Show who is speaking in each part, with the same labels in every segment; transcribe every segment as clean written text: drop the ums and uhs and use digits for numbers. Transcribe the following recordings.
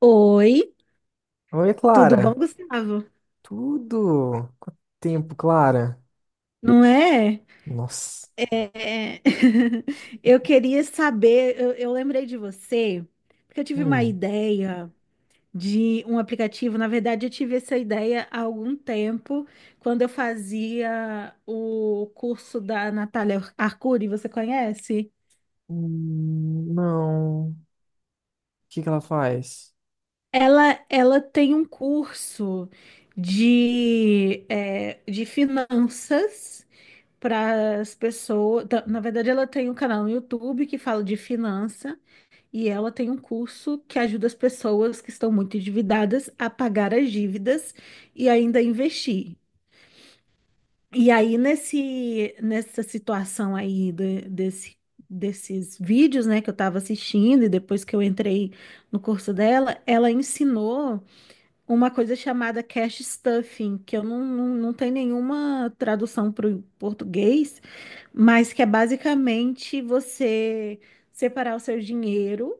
Speaker 1: Oi,
Speaker 2: Oi,
Speaker 1: tudo bom,
Speaker 2: Clara.
Speaker 1: Gustavo?
Speaker 2: Tudo? Quanto tempo, Clara?
Speaker 1: Não é?
Speaker 2: Nossa.
Speaker 1: É. Eu queria saber, eu lembrei de você, porque eu tive uma
Speaker 2: Hum.
Speaker 1: ideia de um aplicativo. Na verdade, eu tive essa ideia há algum tempo, quando eu fazia o curso da Natália Arcuri, você conhece?
Speaker 2: Não. O que que ela faz?
Speaker 1: Ela tem um curso de, de finanças para as pessoas. Na verdade, ela tem um canal no YouTube que fala de finança e ela tem um curso que ajuda as pessoas que estão muito endividadas a pagar as dívidas e ainda investir. E aí, nessa situação aí desse, desses vídeos, né, que eu estava assistindo e depois que eu entrei no curso dela, ela ensinou uma coisa chamada cash stuffing, que eu não tenho nenhuma tradução para o português, mas que é basicamente você separar o seu dinheiro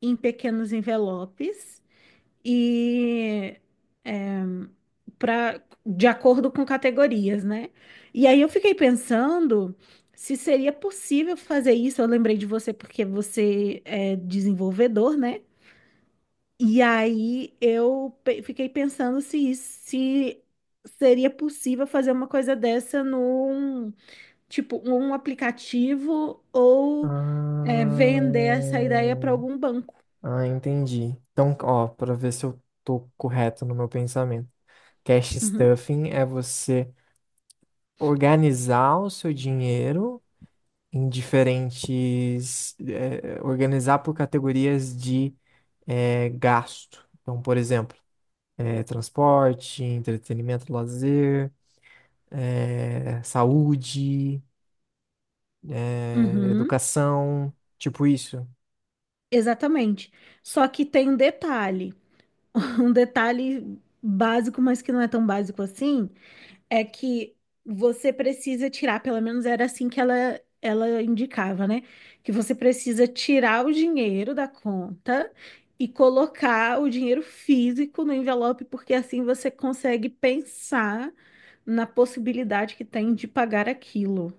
Speaker 1: em pequenos envelopes e para de acordo com categorias, né? E aí eu fiquei pensando se seria possível fazer isso. Eu lembrei de você porque você é desenvolvedor, né? E aí fiquei pensando se, se seria possível fazer uma coisa dessa, tipo, um aplicativo ou vender essa
Speaker 2: Ah,
Speaker 1: ideia para algum banco.
Speaker 2: ah, entendi. Então, ó, para ver se eu tô correto no meu pensamento. Cash
Speaker 1: Uhum.
Speaker 2: stuffing é você organizar o seu dinheiro em diferentes, organizar por categorias de, gasto. Então, por exemplo, é, transporte, entretenimento, lazer, é, saúde, é,
Speaker 1: Uhum.
Speaker 2: educação, tipo isso.
Speaker 1: Exatamente. Só que tem um detalhe, um detalhe básico, mas que não é tão básico assim, é que você precisa tirar, pelo menos era assim que ela indicava, né? Que você precisa tirar o dinheiro da conta e colocar o dinheiro físico no envelope, porque assim você consegue pensar na possibilidade que tem de pagar aquilo.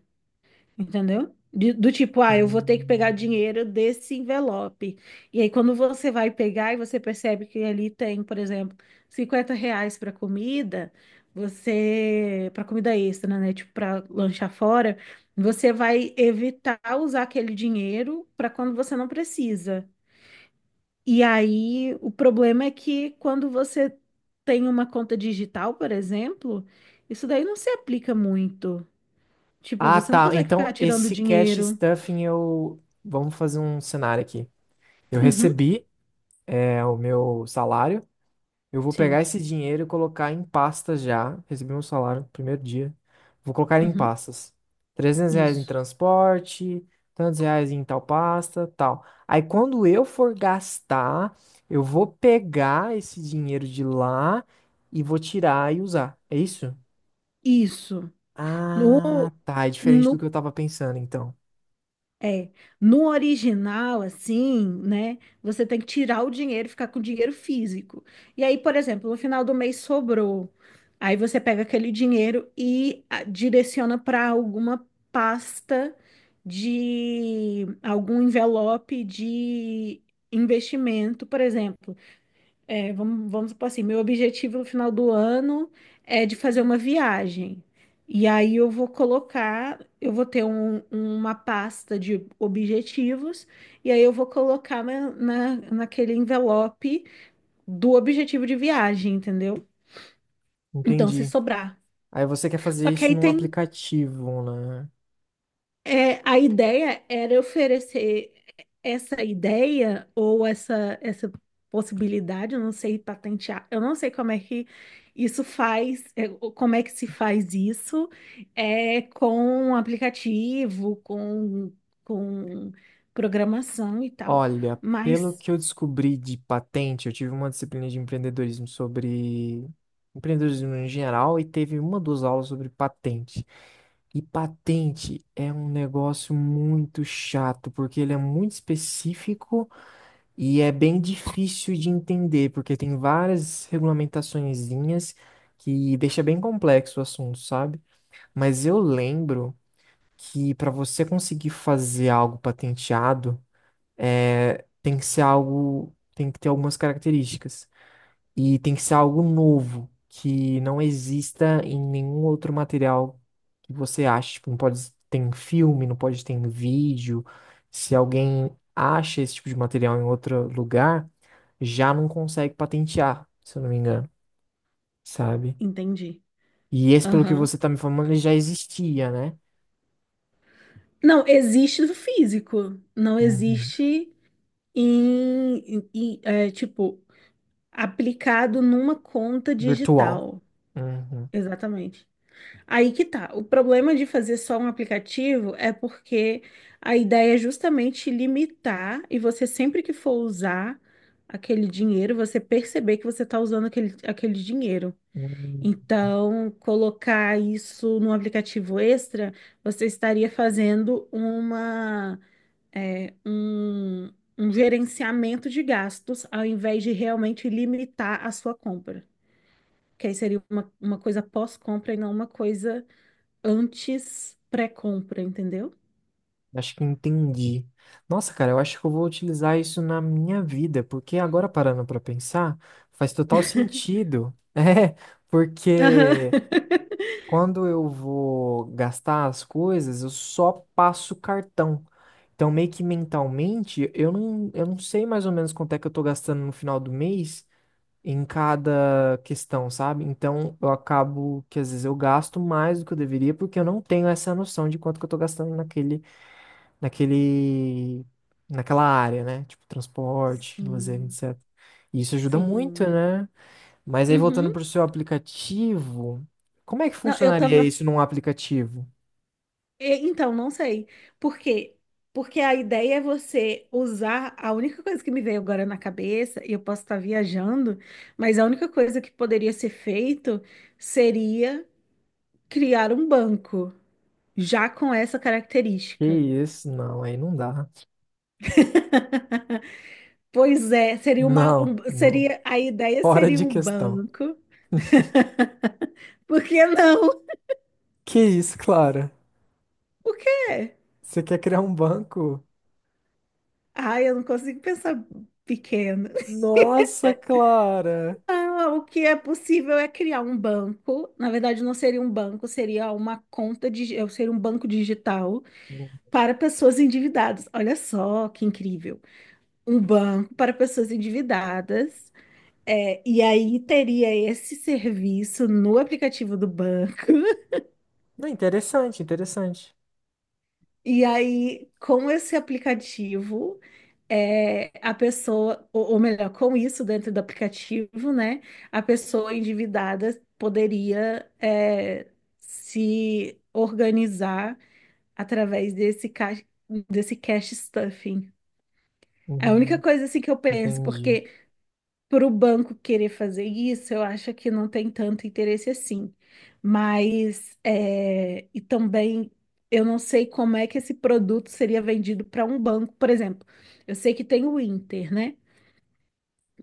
Speaker 1: Entendeu? Do tipo, ah, eu vou ter que
Speaker 2: Hum.
Speaker 1: pegar dinheiro desse envelope. E aí, quando você vai pegar e você percebe que ali tem, por exemplo, R$ 50 para comida, você, para comida extra, né? Tipo, para lanchar fora, você vai evitar usar aquele dinheiro para quando você não precisa. E aí, o problema é que quando você tem uma conta digital, por exemplo, isso daí não se aplica muito. Tipo,
Speaker 2: Ah,
Speaker 1: você não
Speaker 2: tá.
Speaker 1: consegue ficar
Speaker 2: Então,
Speaker 1: tirando
Speaker 2: esse cash
Speaker 1: dinheiro.
Speaker 2: stuffing eu. Vamos fazer um cenário aqui. Eu
Speaker 1: Uhum,
Speaker 2: recebi, é, o meu salário. Eu vou
Speaker 1: sim.
Speaker 2: pegar esse dinheiro e colocar em pastas já. Recebi meu salário no primeiro dia. Vou colocar em
Speaker 1: Uhum,
Speaker 2: pastas. 300 reais em
Speaker 1: isso.
Speaker 2: transporte, tantos reais em tal pasta, tal. Aí quando eu for gastar, eu vou pegar esse dinheiro de lá e vou tirar e usar. É isso?
Speaker 1: Isso. No,
Speaker 2: Ah, tá. É diferente do
Speaker 1: no,
Speaker 2: que eu tava pensando, então.
Speaker 1: é, no original, assim, né? Você tem que tirar o dinheiro e ficar com o dinheiro físico. E aí, por exemplo, no final do mês sobrou. Aí você pega aquele dinheiro e ah, direciona para alguma pasta de algum envelope de investimento, por exemplo. É, vamos supor assim, meu objetivo no final do ano é de fazer uma viagem. E aí eu vou colocar, eu vou ter uma pasta de objetivos, e aí eu vou colocar naquele envelope do objetivo de viagem, entendeu? Então, se
Speaker 2: Entendi.
Speaker 1: sobrar.
Speaker 2: Aí você quer
Speaker 1: Só
Speaker 2: fazer
Speaker 1: que
Speaker 2: isso
Speaker 1: aí
Speaker 2: num
Speaker 1: tem.
Speaker 2: aplicativo, né?
Speaker 1: É, a ideia era oferecer essa ideia ou essa possibilidade, eu não sei patentear, eu não sei como é que isso faz, como é que se faz isso, com um aplicativo, com programação e tal.
Speaker 2: Olha, pelo
Speaker 1: Mas,
Speaker 2: que eu descobri de patente, eu tive uma disciplina de empreendedorismo sobre empreendedorismo em geral e teve uma duas aulas sobre patente. E patente é um negócio muito chato, porque ele é muito específico e é bem difícil de entender, porque tem várias regulamentaçõezinhas que deixa bem complexo o assunto, sabe? Mas eu lembro que para você conseguir fazer algo patenteado, é, tem que ser algo, tem que ter algumas características. E tem que ser algo novo, que não exista em nenhum outro material que você ache. Tipo, não pode ter em filme, não pode ter em vídeo. Se alguém acha esse tipo de material em outro lugar, já não consegue patentear, se eu não me engano, sabe?
Speaker 1: entendi.
Speaker 2: E esse, pelo que
Speaker 1: Aham.
Speaker 2: você tá me falando, ele já existia, né?
Speaker 1: Não, existe do físico, não
Speaker 2: Uhum.
Speaker 1: existe em, é, tipo, aplicado numa conta
Speaker 2: Virtual.
Speaker 1: digital.
Speaker 2: Uhum.
Speaker 1: Exatamente. Aí que tá. O problema de fazer só um aplicativo é porque a ideia é justamente limitar e você sempre que for usar aquele dinheiro, você perceber que você está usando aquele dinheiro.
Speaker 2: Hum.
Speaker 1: Então, colocar isso num aplicativo extra, você estaria fazendo uma, é, um, um gerenciamento de gastos ao invés de realmente limitar a sua compra que aí seria uma coisa pós-compra e não uma coisa antes pré-compra, entendeu?
Speaker 2: Acho que entendi. Nossa, cara, eu acho que eu vou utilizar isso na minha vida, porque agora parando pra pensar, faz total sentido. É,
Speaker 1: Aham.
Speaker 2: porque quando eu vou gastar as coisas, eu só passo o cartão. Então, meio que mentalmente, eu não sei mais ou menos quanto é que eu tô gastando no final do mês em cada questão, sabe? Então, eu acabo que às vezes eu gasto mais do que eu deveria, porque eu não tenho essa noção de quanto que eu tô gastando naquele, naquela área, né? Tipo, transporte, lazer,
Speaker 1: Sim,
Speaker 2: etc. E isso ajuda muito,
Speaker 1: sim.
Speaker 2: né? Mas aí voltando
Speaker 1: Uhum.
Speaker 2: para o seu aplicativo, como é que
Speaker 1: Não, eu
Speaker 2: funcionaria
Speaker 1: tava.
Speaker 2: isso num aplicativo?
Speaker 1: Então, não sei. Por quê? Porque a ideia é você usar. A única coisa que me veio agora na cabeça, e eu posso estar viajando, mas a única coisa que poderia ser feito seria criar um banco, já com essa
Speaker 2: Que
Speaker 1: característica.
Speaker 2: isso? Não, aí não dá.
Speaker 1: Pois é, seria uma,
Speaker 2: Não, não.
Speaker 1: seria, a ideia
Speaker 2: Fora
Speaker 1: seria
Speaker 2: de
Speaker 1: um
Speaker 2: questão.
Speaker 1: banco. Por que não?
Speaker 2: Que isso, Clara?
Speaker 1: Por quê?
Speaker 2: Você quer criar um banco?
Speaker 1: Ai, eu não consigo pensar pequeno.
Speaker 2: Nossa, Clara!
Speaker 1: Ah, o que é possível é criar um banco. Na verdade, não seria um banco, seria uma conta de, seria um banco digital para pessoas endividadas. Olha só que incrível. Um banco para pessoas endividadas. É, e aí teria esse serviço no aplicativo do banco.
Speaker 2: Não, interessante, interessante.
Speaker 1: E aí, com esse aplicativo, a pessoa, ou melhor, com isso dentro do aplicativo, né, a pessoa endividada poderia, se organizar através desse cash stuffing. É a única
Speaker 2: Uhum,
Speaker 1: coisa assim que eu penso,
Speaker 2: entendi.
Speaker 1: porque para o banco querer fazer isso, eu acho que não tem tanto interesse assim. Mas, e também, eu não sei como é que esse produto seria vendido para um banco. Por exemplo, eu sei que tem o Inter, né?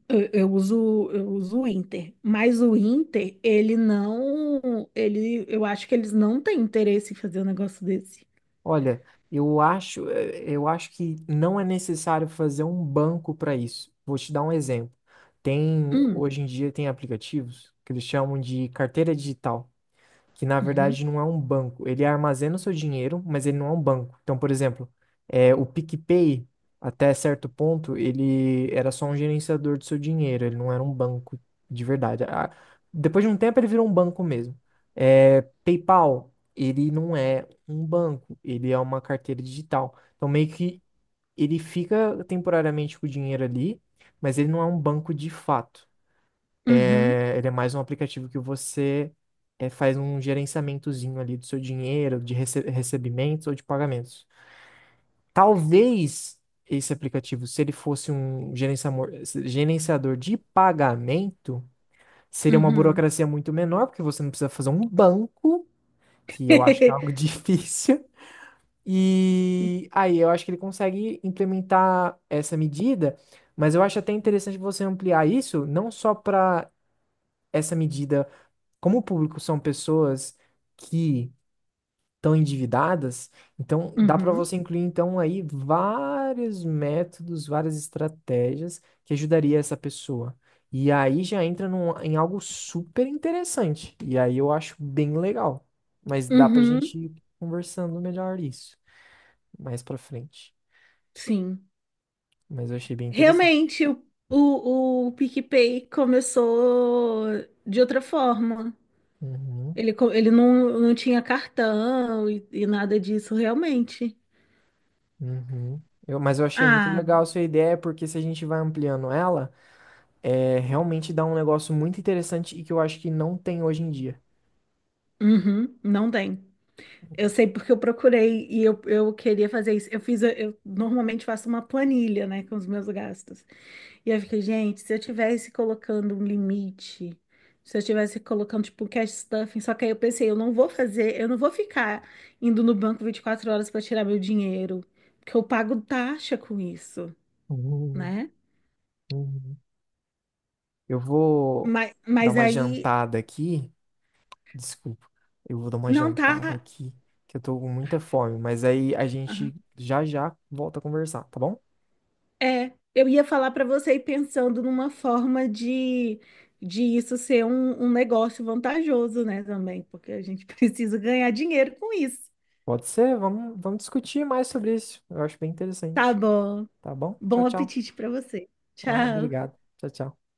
Speaker 1: Eu uso o Inter, mas o Inter, ele não, ele, eu acho que eles não têm interesse em fazer um negócio desse.
Speaker 2: Olha, eu acho que não é necessário fazer um banco para isso. Vou te dar um exemplo. Tem,
Speaker 1: Hum,
Speaker 2: hoje em dia tem aplicativos que eles chamam de carteira digital que na
Speaker 1: uhum,
Speaker 2: verdade não é um banco. Ele armazena o seu dinheiro, mas ele não é um banco. Então, por exemplo, é, o PicPay, até certo ponto, ele era só um gerenciador do seu dinheiro, ele não era um banco de verdade. Depois de um tempo, ele virou um banco mesmo. É, PayPal, ele não é um banco, ele é uma carteira digital. Então, meio que ele fica temporariamente com o dinheiro ali, mas ele não é um banco de fato.
Speaker 1: uhum,
Speaker 2: É, ele é mais um aplicativo que você é, faz um gerenciamentozinho ali do seu dinheiro, de recebimentos ou de pagamentos. Talvez esse aplicativo, se ele fosse um gerenciador de pagamento, seria uma
Speaker 1: uhum.
Speaker 2: burocracia muito menor, porque você não precisa fazer um banco, que eu acho que é algo difícil. E aí eu acho que ele consegue implementar essa medida, mas eu acho até interessante você ampliar isso, não só para essa medida. Como o público são pessoas que estão endividadas, então dá para
Speaker 1: Uhum,
Speaker 2: você incluir então aí vários métodos, várias estratégias que ajudaria essa pessoa. E aí já entra em algo super interessante. E aí eu acho bem legal. Mas dá pra
Speaker 1: uhum,
Speaker 2: gente ir conversando melhor isso mais pra frente.
Speaker 1: sim.
Speaker 2: Mas eu achei bem interessante.
Speaker 1: Realmente, o PicPay começou de outra forma.
Speaker 2: Uhum,
Speaker 1: Ele, ele não tinha cartão e nada disso, realmente.
Speaker 2: uhum. Eu- mas eu achei muito
Speaker 1: Ah,
Speaker 2: legal a sua ideia, porque se a gente vai ampliando ela. É, realmente dá um negócio muito interessante e que eu acho que não tem hoje em dia.
Speaker 1: uhum, não tem. Eu sei porque eu procurei e eu queria fazer isso. Eu fiz, eu normalmente faço uma planilha, né, com os meus gastos. E eu fico, gente, se eu tivesse colocando um limite, se eu tivesse colocando, tipo, um cash stuffing, só que aí eu pensei, eu não vou fazer, eu não vou ficar indo no banco 24 horas para tirar meu dinheiro, porque eu pago taxa com isso,
Speaker 2: Uhum,
Speaker 1: né?
Speaker 2: uhum. Eu vou
Speaker 1: Mas,
Speaker 2: dar
Speaker 1: mas
Speaker 2: uma
Speaker 1: aí
Speaker 2: jantada aqui. Desculpa. Eu vou dar uma
Speaker 1: não
Speaker 2: jantada
Speaker 1: tá.
Speaker 2: aqui, que eu tô com muita fome. Mas aí a
Speaker 1: Aham.
Speaker 2: gente já já volta a conversar, tá bom?
Speaker 1: É, eu ia falar para você ir pensando numa forma de isso ser um negócio vantajoso, né, também, porque a gente precisa ganhar dinheiro com isso.
Speaker 2: Pode ser, vamos discutir mais sobre isso. Eu acho bem
Speaker 1: Tá
Speaker 2: interessante.
Speaker 1: bom.
Speaker 2: Tá bom? Tchau,
Speaker 1: Bom
Speaker 2: tchau.
Speaker 1: apetite para você.
Speaker 2: Ah,
Speaker 1: Tchau.
Speaker 2: obrigado. Tchau, tchau.